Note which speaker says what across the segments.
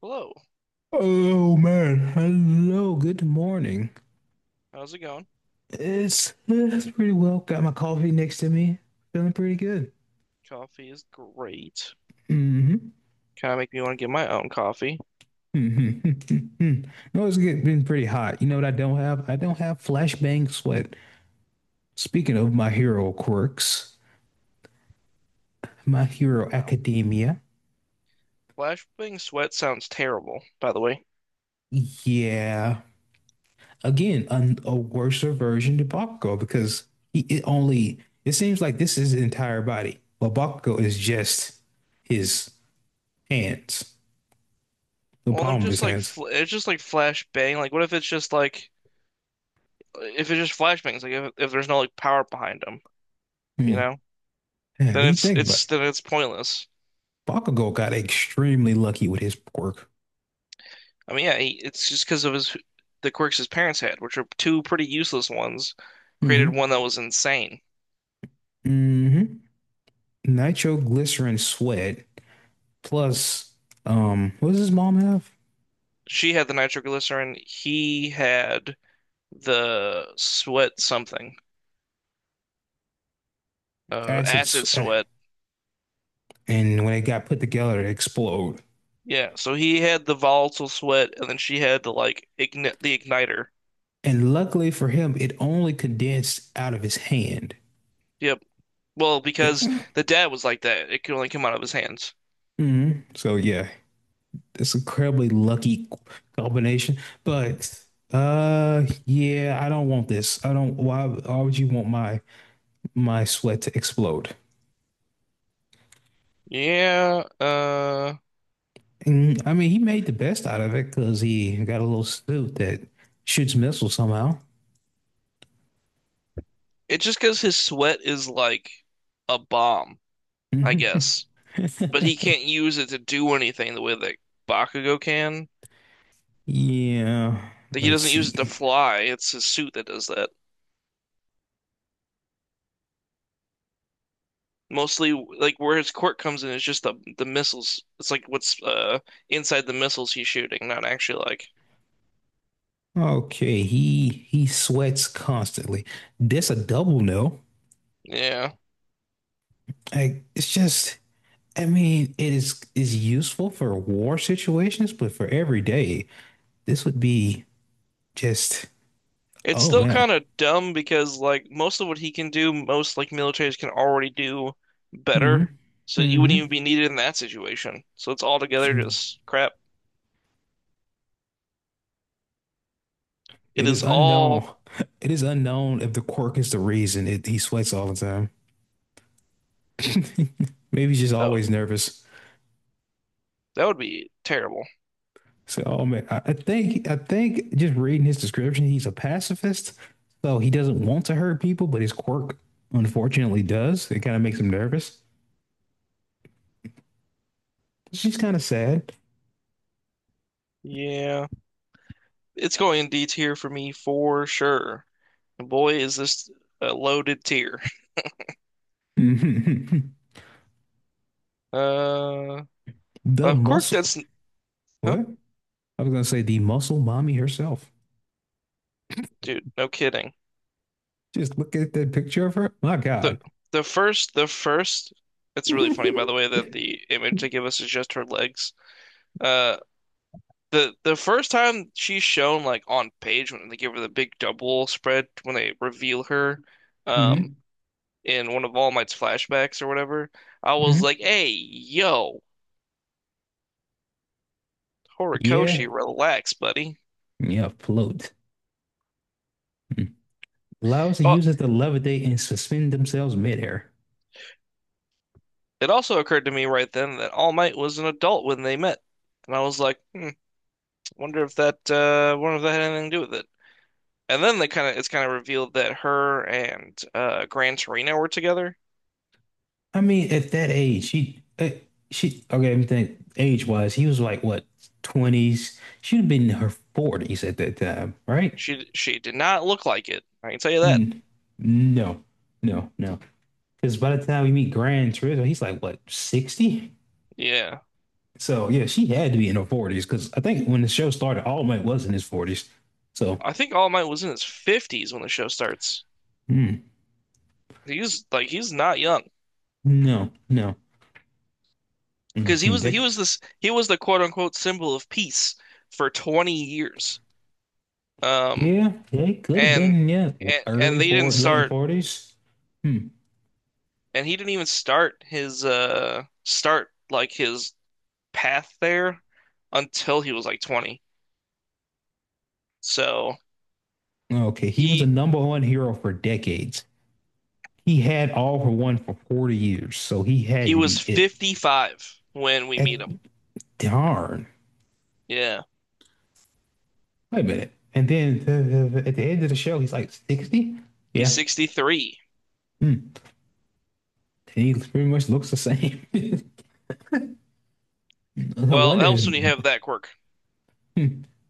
Speaker 1: Hello,
Speaker 2: Oh man, hello, good morning.
Speaker 1: how's it going?
Speaker 2: It's pretty well. Got my coffee next to me. Feeling pretty good.
Speaker 1: Coffee is great.
Speaker 2: Hmm.
Speaker 1: Kind of make me want to get my own coffee.
Speaker 2: Hmm. Hmm. No, it's been pretty hot. You know what I don't have? I don't have flashbang sweat. Speaking of my hero quirks, My Hero
Speaker 1: Wow.
Speaker 2: Academia.
Speaker 1: Flashbang sweat sounds terrible, by the way.
Speaker 2: Yeah. Again, a worser version of Bakugo because he it only it seems like this is his entire body. Well, Bakugo is just his hands, the
Speaker 1: Well, then
Speaker 2: palm of
Speaker 1: just
Speaker 2: his
Speaker 1: like
Speaker 2: hands.
Speaker 1: fl it's just like flashbang. Like, what if it's just like if it's just flashbangs? Like, if there's no like power behind them, you
Speaker 2: Hmm.
Speaker 1: know?
Speaker 2: Yeah,
Speaker 1: Then
Speaker 2: you think, but
Speaker 1: it's then it's pointless.
Speaker 2: Bakugo got extremely lucky with his pork.
Speaker 1: I mean, yeah, it's just because of his the quirks his parents had, which are two pretty useless ones. Created
Speaker 2: Mm-hmm.
Speaker 1: one that was insane.
Speaker 2: Mm-hmm. Nitroglycerin sweat plus what does his mom have?
Speaker 1: She had the nitroglycerin. He had the sweat something.
Speaker 2: Acid.
Speaker 1: Acid sweat.
Speaker 2: And when it got put together, it exploded.
Speaker 1: Yeah, so he had the volatile sweat, and then she had the igniter.
Speaker 2: And luckily for him, it only condensed out of his hand.
Speaker 1: Yep. Well, because
Speaker 2: mm
Speaker 1: the dad was like that, it could only come out of his hands.
Speaker 2: So yeah, it's incredibly lucky combination. But yeah, I don't want this. I don't. Why? Why would you want my sweat to explode.
Speaker 1: Yeah.
Speaker 2: And I mean, he made the best out of it because he got a little suit that shoots missiles somehow.
Speaker 1: It's just because his sweat is like a bomb, I guess. But he can't use it to do anything the way that Bakugo can.
Speaker 2: Yeah,
Speaker 1: Like he
Speaker 2: let's
Speaker 1: doesn't use it to
Speaker 2: see.
Speaker 1: fly. It's his suit that does that. Mostly, like where his quirk comes in is just the missiles. It's like what's inside the missiles he's shooting, not actually like.
Speaker 2: Okay, he sweats constantly. This a double no.
Speaker 1: Yeah.
Speaker 2: Like it's just, I mean, it is useful for war situations, but for every day, this would be just,
Speaker 1: It's
Speaker 2: oh
Speaker 1: still
Speaker 2: man.
Speaker 1: kind of dumb because like most of what he can do, most like militaries can already do
Speaker 2: Mm-hmm.
Speaker 1: better. So you
Speaker 2: Mm-hmm.
Speaker 1: wouldn't even be needed in that situation. So it's all together just crap. It
Speaker 2: It is
Speaker 1: is all.
Speaker 2: unknown. It is unknown if the quirk is the reason he sweats all the time. Maybe he's just always
Speaker 1: Oh,
Speaker 2: nervous.
Speaker 1: that would be terrible.
Speaker 2: So, oh man, I think just reading his description, he's a pacifist. So he doesn't want to hurt people, but his quirk unfortunately does. It kind of makes him nervous. She's kind of sad.
Speaker 1: Yeah. It's going in D tier for me for sure. And boy, is this a loaded tier. Uh
Speaker 2: The
Speaker 1: of course
Speaker 2: muscle.
Speaker 1: that's huh?
Speaker 2: What? I was gonna say the muscle mommy herself.
Speaker 1: Dude, no kidding.
Speaker 2: Just look at that picture of her. My God.
Speaker 1: The the first it's really funny by the
Speaker 2: Hmm.
Speaker 1: way that the image they give us is just her legs. Uh, the first time she's shown like on page when they give her the big double spread when they reveal her, um,
Speaker 2: Hmm.
Speaker 1: in one of All Might's flashbacks or whatever, I was like, "Hey, yo,
Speaker 2: Yeah.
Speaker 1: Horikoshi, relax, buddy."
Speaker 2: Yeah, float allows the
Speaker 1: But
Speaker 2: users to levitate and suspend themselves midair.
Speaker 1: it also occurred to me right then that All Might was an adult when they met, and I was like, "Hmm, wonder if that had anything to do with it." And then they kind of it's kind of revealed that her and Gran Torino were together.
Speaker 2: I mean, at that age, she, okay, let me think. Age wise, he was like what, 20s? She'd have been in her 40s at that time, right?
Speaker 1: She did not look like it. I can tell you that.
Speaker 2: Mm, no, no, no. Because by the time we meet Grand Turismo, he's like what, 60?
Speaker 1: Yeah.
Speaker 2: So yeah, she had to be in her 40s because I think when the show started, All Might was in his 40s. So
Speaker 1: I think All Might was in his 50s when the show starts.
Speaker 2: mm,
Speaker 1: He's like he's not young
Speaker 2: no, no.
Speaker 1: because
Speaker 2: Mhm.
Speaker 1: he
Speaker 2: That
Speaker 1: was this he was the quote unquote symbol of peace for 20 years. Um
Speaker 2: Yeah, it could have
Speaker 1: and
Speaker 2: been, yeah,
Speaker 1: and, and
Speaker 2: early
Speaker 1: they didn't
Speaker 2: for late
Speaker 1: start
Speaker 2: 40s. Hmm.
Speaker 1: and he didn't even start his start like his path there until he was like 20. So
Speaker 2: Okay, he was a
Speaker 1: he
Speaker 2: number one hero for decades. He had all for one for 40 years, so he had
Speaker 1: he
Speaker 2: to
Speaker 1: was
Speaker 2: be it.
Speaker 1: 55 when we meet
Speaker 2: At
Speaker 1: him.
Speaker 2: darn.
Speaker 1: Yeah.
Speaker 2: Wait a minute. And then at the end of the show, he's like 60?
Speaker 1: He's
Speaker 2: Yeah.
Speaker 1: 63.
Speaker 2: Hmm. He pretty much looks the same. No
Speaker 1: Well, it
Speaker 2: wonder his
Speaker 1: helps when you
Speaker 2: hmm.
Speaker 1: have that quirk.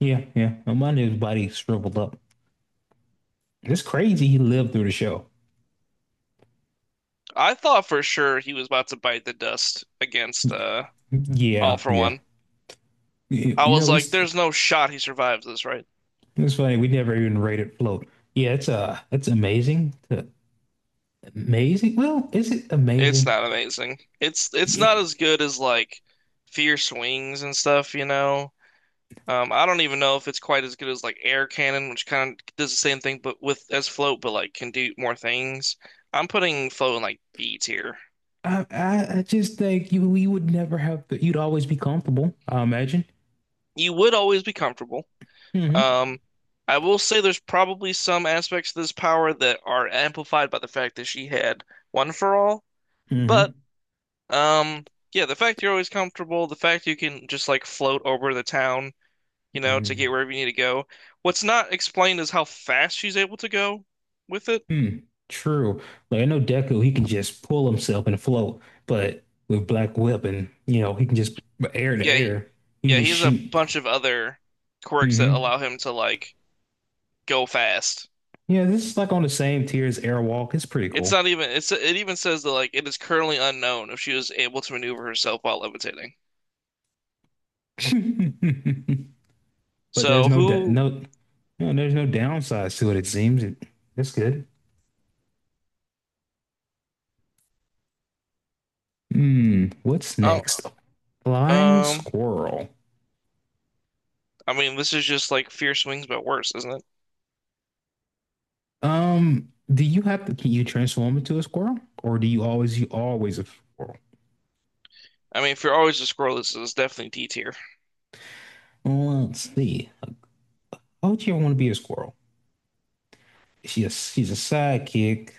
Speaker 2: Yeah, yeah. No wonder his body shriveled up. It's crazy he lived through the show.
Speaker 1: I thought for sure he was about to bite the dust against
Speaker 2: Y-
Speaker 1: All
Speaker 2: Yeah,
Speaker 1: for
Speaker 2: yeah.
Speaker 1: One. I
Speaker 2: You
Speaker 1: was
Speaker 2: know,
Speaker 1: like,
Speaker 2: he's
Speaker 1: there's no shot he survives this, right?
Speaker 2: it's funny, we never even rated float. Yeah, it's amazing. It's amazing. Well, is it
Speaker 1: It's
Speaker 2: amazing?
Speaker 1: not amazing. It's
Speaker 2: Yeah.
Speaker 1: not as good as like Fierce Wings and stuff, you know. I don't even know if it's quite as good as like Air Cannon, which kind of does the same thing, but with as Float, but like can do more things. I'm putting Float in like B tier.
Speaker 2: I just think you we would never have you'd always be comfortable, I imagine.
Speaker 1: You would always be comfortable.
Speaker 2: Mm-hmm.
Speaker 1: Um, I will say there's probably some aspects of this power that are amplified by the fact that she had One for All.
Speaker 2: Mm-hmm.
Speaker 1: But um, yeah, the fact you're always comfortable, the fact you can just like float over the town, you know, to get
Speaker 2: Mm-hmm.
Speaker 1: wherever you need to go. What's not explained is how fast she's able to go with it.
Speaker 2: Mm. True. Like I know Deku, he can just pull himself and float, but with Black Whip and he can just air to
Speaker 1: Yeah, he,
Speaker 2: air, you
Speaker 1: yeah, he
Speaker 2: just
Speaker 1: has a
Speaker 2: shoot.
Speaker 1: bunch of other quirks that
Speaker 2: Mm-hmm.
Speaker 1: allow him to like go fast.
Speaker 2: Yeah, this is like on the same tier as Airwalk. It's pretty
Speaker 1: It's
Speaker 2: cool.
Speaker 1: not even it even says that like it is currently unknown if she was able to maneuver herself while levitating.
Speaker 2: But there's
Speaker 1: So
Speaker 2: no
Speaker 1: who?
Speaker 2: no, no, there's no downsides to it. It seems that's good. Hmm, what's
Speaker 1: Oh,
Speaker 2: next? Flying
Speaker 1: um,
Speaker 2: squirrel.
Speaker 1: I mean, this is just like Fierce Wings, but worse, isn't it?
Speaker 2: Do you have to? Can you transform into a squirrel, or do you always a squirrel?
Speaker 1: I mean, if you're always a squirrel, this is definitely D tier.
Speaker 2: Well, let's see. How would you want to be a squirrel? She's a sidekick,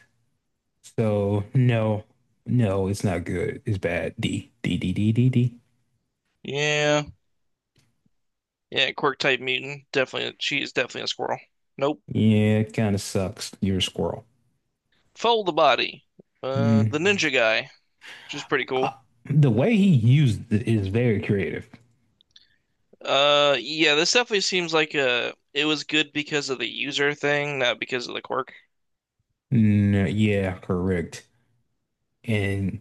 Speaker 2: so no, no, it's not good. It's bad. D D D D D D.
Speaker 1: Yeah, yeah, quirk type mutant, definitely. She is definitely a squirrel. Nope.
Speaker 2: Yeah, it kind of sucks. You're a squirrel.
Speaker 1: Fold the body.
Speaker 2: Hmm.
Speaker 1: The ninja guy, which is pretty
Speaker 2: uh,
Speaker 1: cool.
Speaker 2: the way he used it is very creative.
Speaker 1: Yeah, this definitely seems like a. It was good because of the user thing, not because of the quirk.
Speaker 2: Mm, yeah, correct. And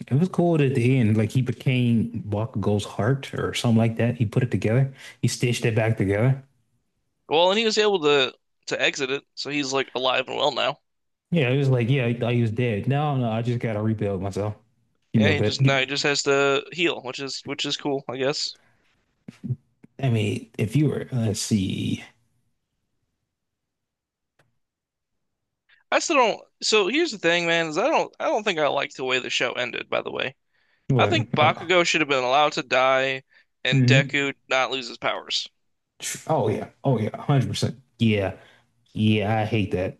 Speaker 2: it was cool at the end. Like he became Bakugo's heart or something like that. He put it together. He stitched it back together.
Speaker 1: Well, and he was able to exit it, so he's like alive and well now.
Speaker 2: Yeah, it was like, yeah, I thought he was dead. No, no, I just gotta rebuild myself. Give me
Speaker 1: Yeah,
Speaker 2: a bit.
Speaker 1: he just has to heal, which is cool, I guess.
Speaker 2: I mean, if you were, let's see,
Speaker 1: I still don't. So here's the thing, man, is I don't think I like the way the show ended, by the way. I
Speaker 2: what?
Speaker 1: think
Speaker 2: Oh,
Speaker 1: Bakugo should have been allowed to die and
Speaker 2: hmm
Speaker 1: Deku not lose his powers.
Speaker 2: oh yeah, oh yeah, 100%. Yeah, yeah, I hate that.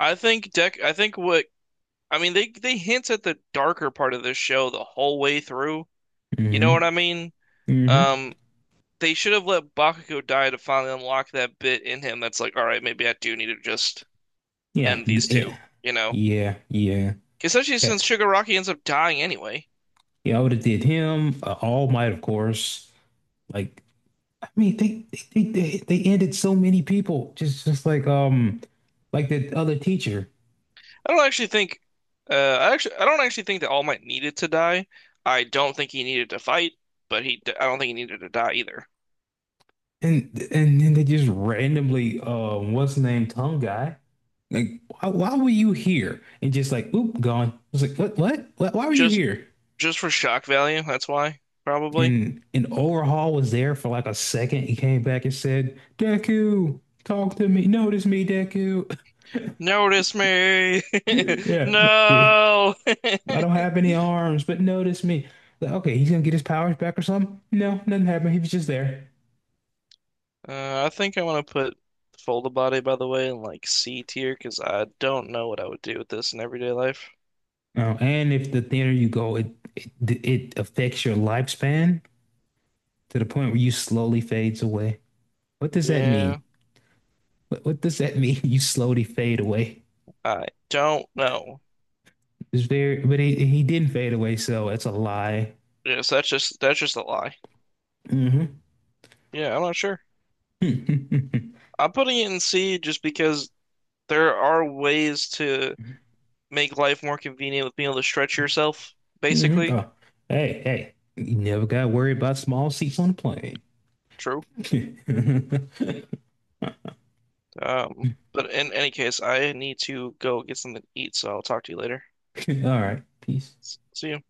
Speaker 1: I think Dek I think what I mean they hint at the darker part of this show the whole way through. You
Speaker 2: Hmm.
Speaker 1: know what I mean?
Speaker 2: Hmm.
Speaker 1: Um they should have let Bakugo die to finally unlock that bit in him that's like, all right, maybe I do need to just
Speaker 2: Yeah,
Speaker 1: end these two, you know?
Speaker 2: yeah, yeah, yeah.
Speaker 1: Especially since
Speaker 2: Yeah.
Speaker 1: Shigaraki ends up dying anyway.
Speaker 2: Yeah, I would have did him. All Might, of course. Like, I mean, they ended so many people. Just like the other teacher,
Speaker 1: I don't actually think I don't actually think that All Might needed to die. I don't think he needed to fight, but he I don't think he needed to die either.
Speaker 2: and and then they just randomly what's the name, tongue guy. Like, why were you here? And just like, oop, gone. I was like, what, what? Why were you
Speaker 1: Just
Speaker 2: here?
Speaker 1: just for shock value, that's why, probably.
Speaker 2: And Overhaul was there for like a second. He came back and said, Deku, talk to me, notice me, Deku.
Speaker 1: Notice me.
Speaker 2: Yeah,
Speaker 1: No.
Speaker 2: I don't have any arms, but notice me. Like, okay, he's gonna get his powers back or something? No, nothing happened. He was just there.
Speaker 1: I think I want to put Fold a Body by the way in like C tier because I don't know what I would do with this in everyday life.
Speaker 2: Oh, and if the thinner you go, it, it affects your lifespan to the point where you slowly fades away. What does that mean?
Speaker 1: Yeah,
Speaker 2: What does that mean? You slowly fade away.
Speaker 1: I don't know.
Speaker 2: It's very, but he didn't fade away, so it's a lie.
Speaker 1: Yes, that's just a lie.
Speaker 2: Hmm.
Speaker 1: Yeah, I'm not sure.
Speaker 2: Hmm.
Speaker 1: I'm putting it in C just because there are ways to make life more convenient with being able to stretch yourself, basically.
Speaker 2: Oh, hey, hey, you never got worried about small seats on the plane.
Speaker 1: True. But in any case, I need to go get something to eat, so I'll talk to you later.
Speaker 2: All right, peace.
Speaker 1: See you.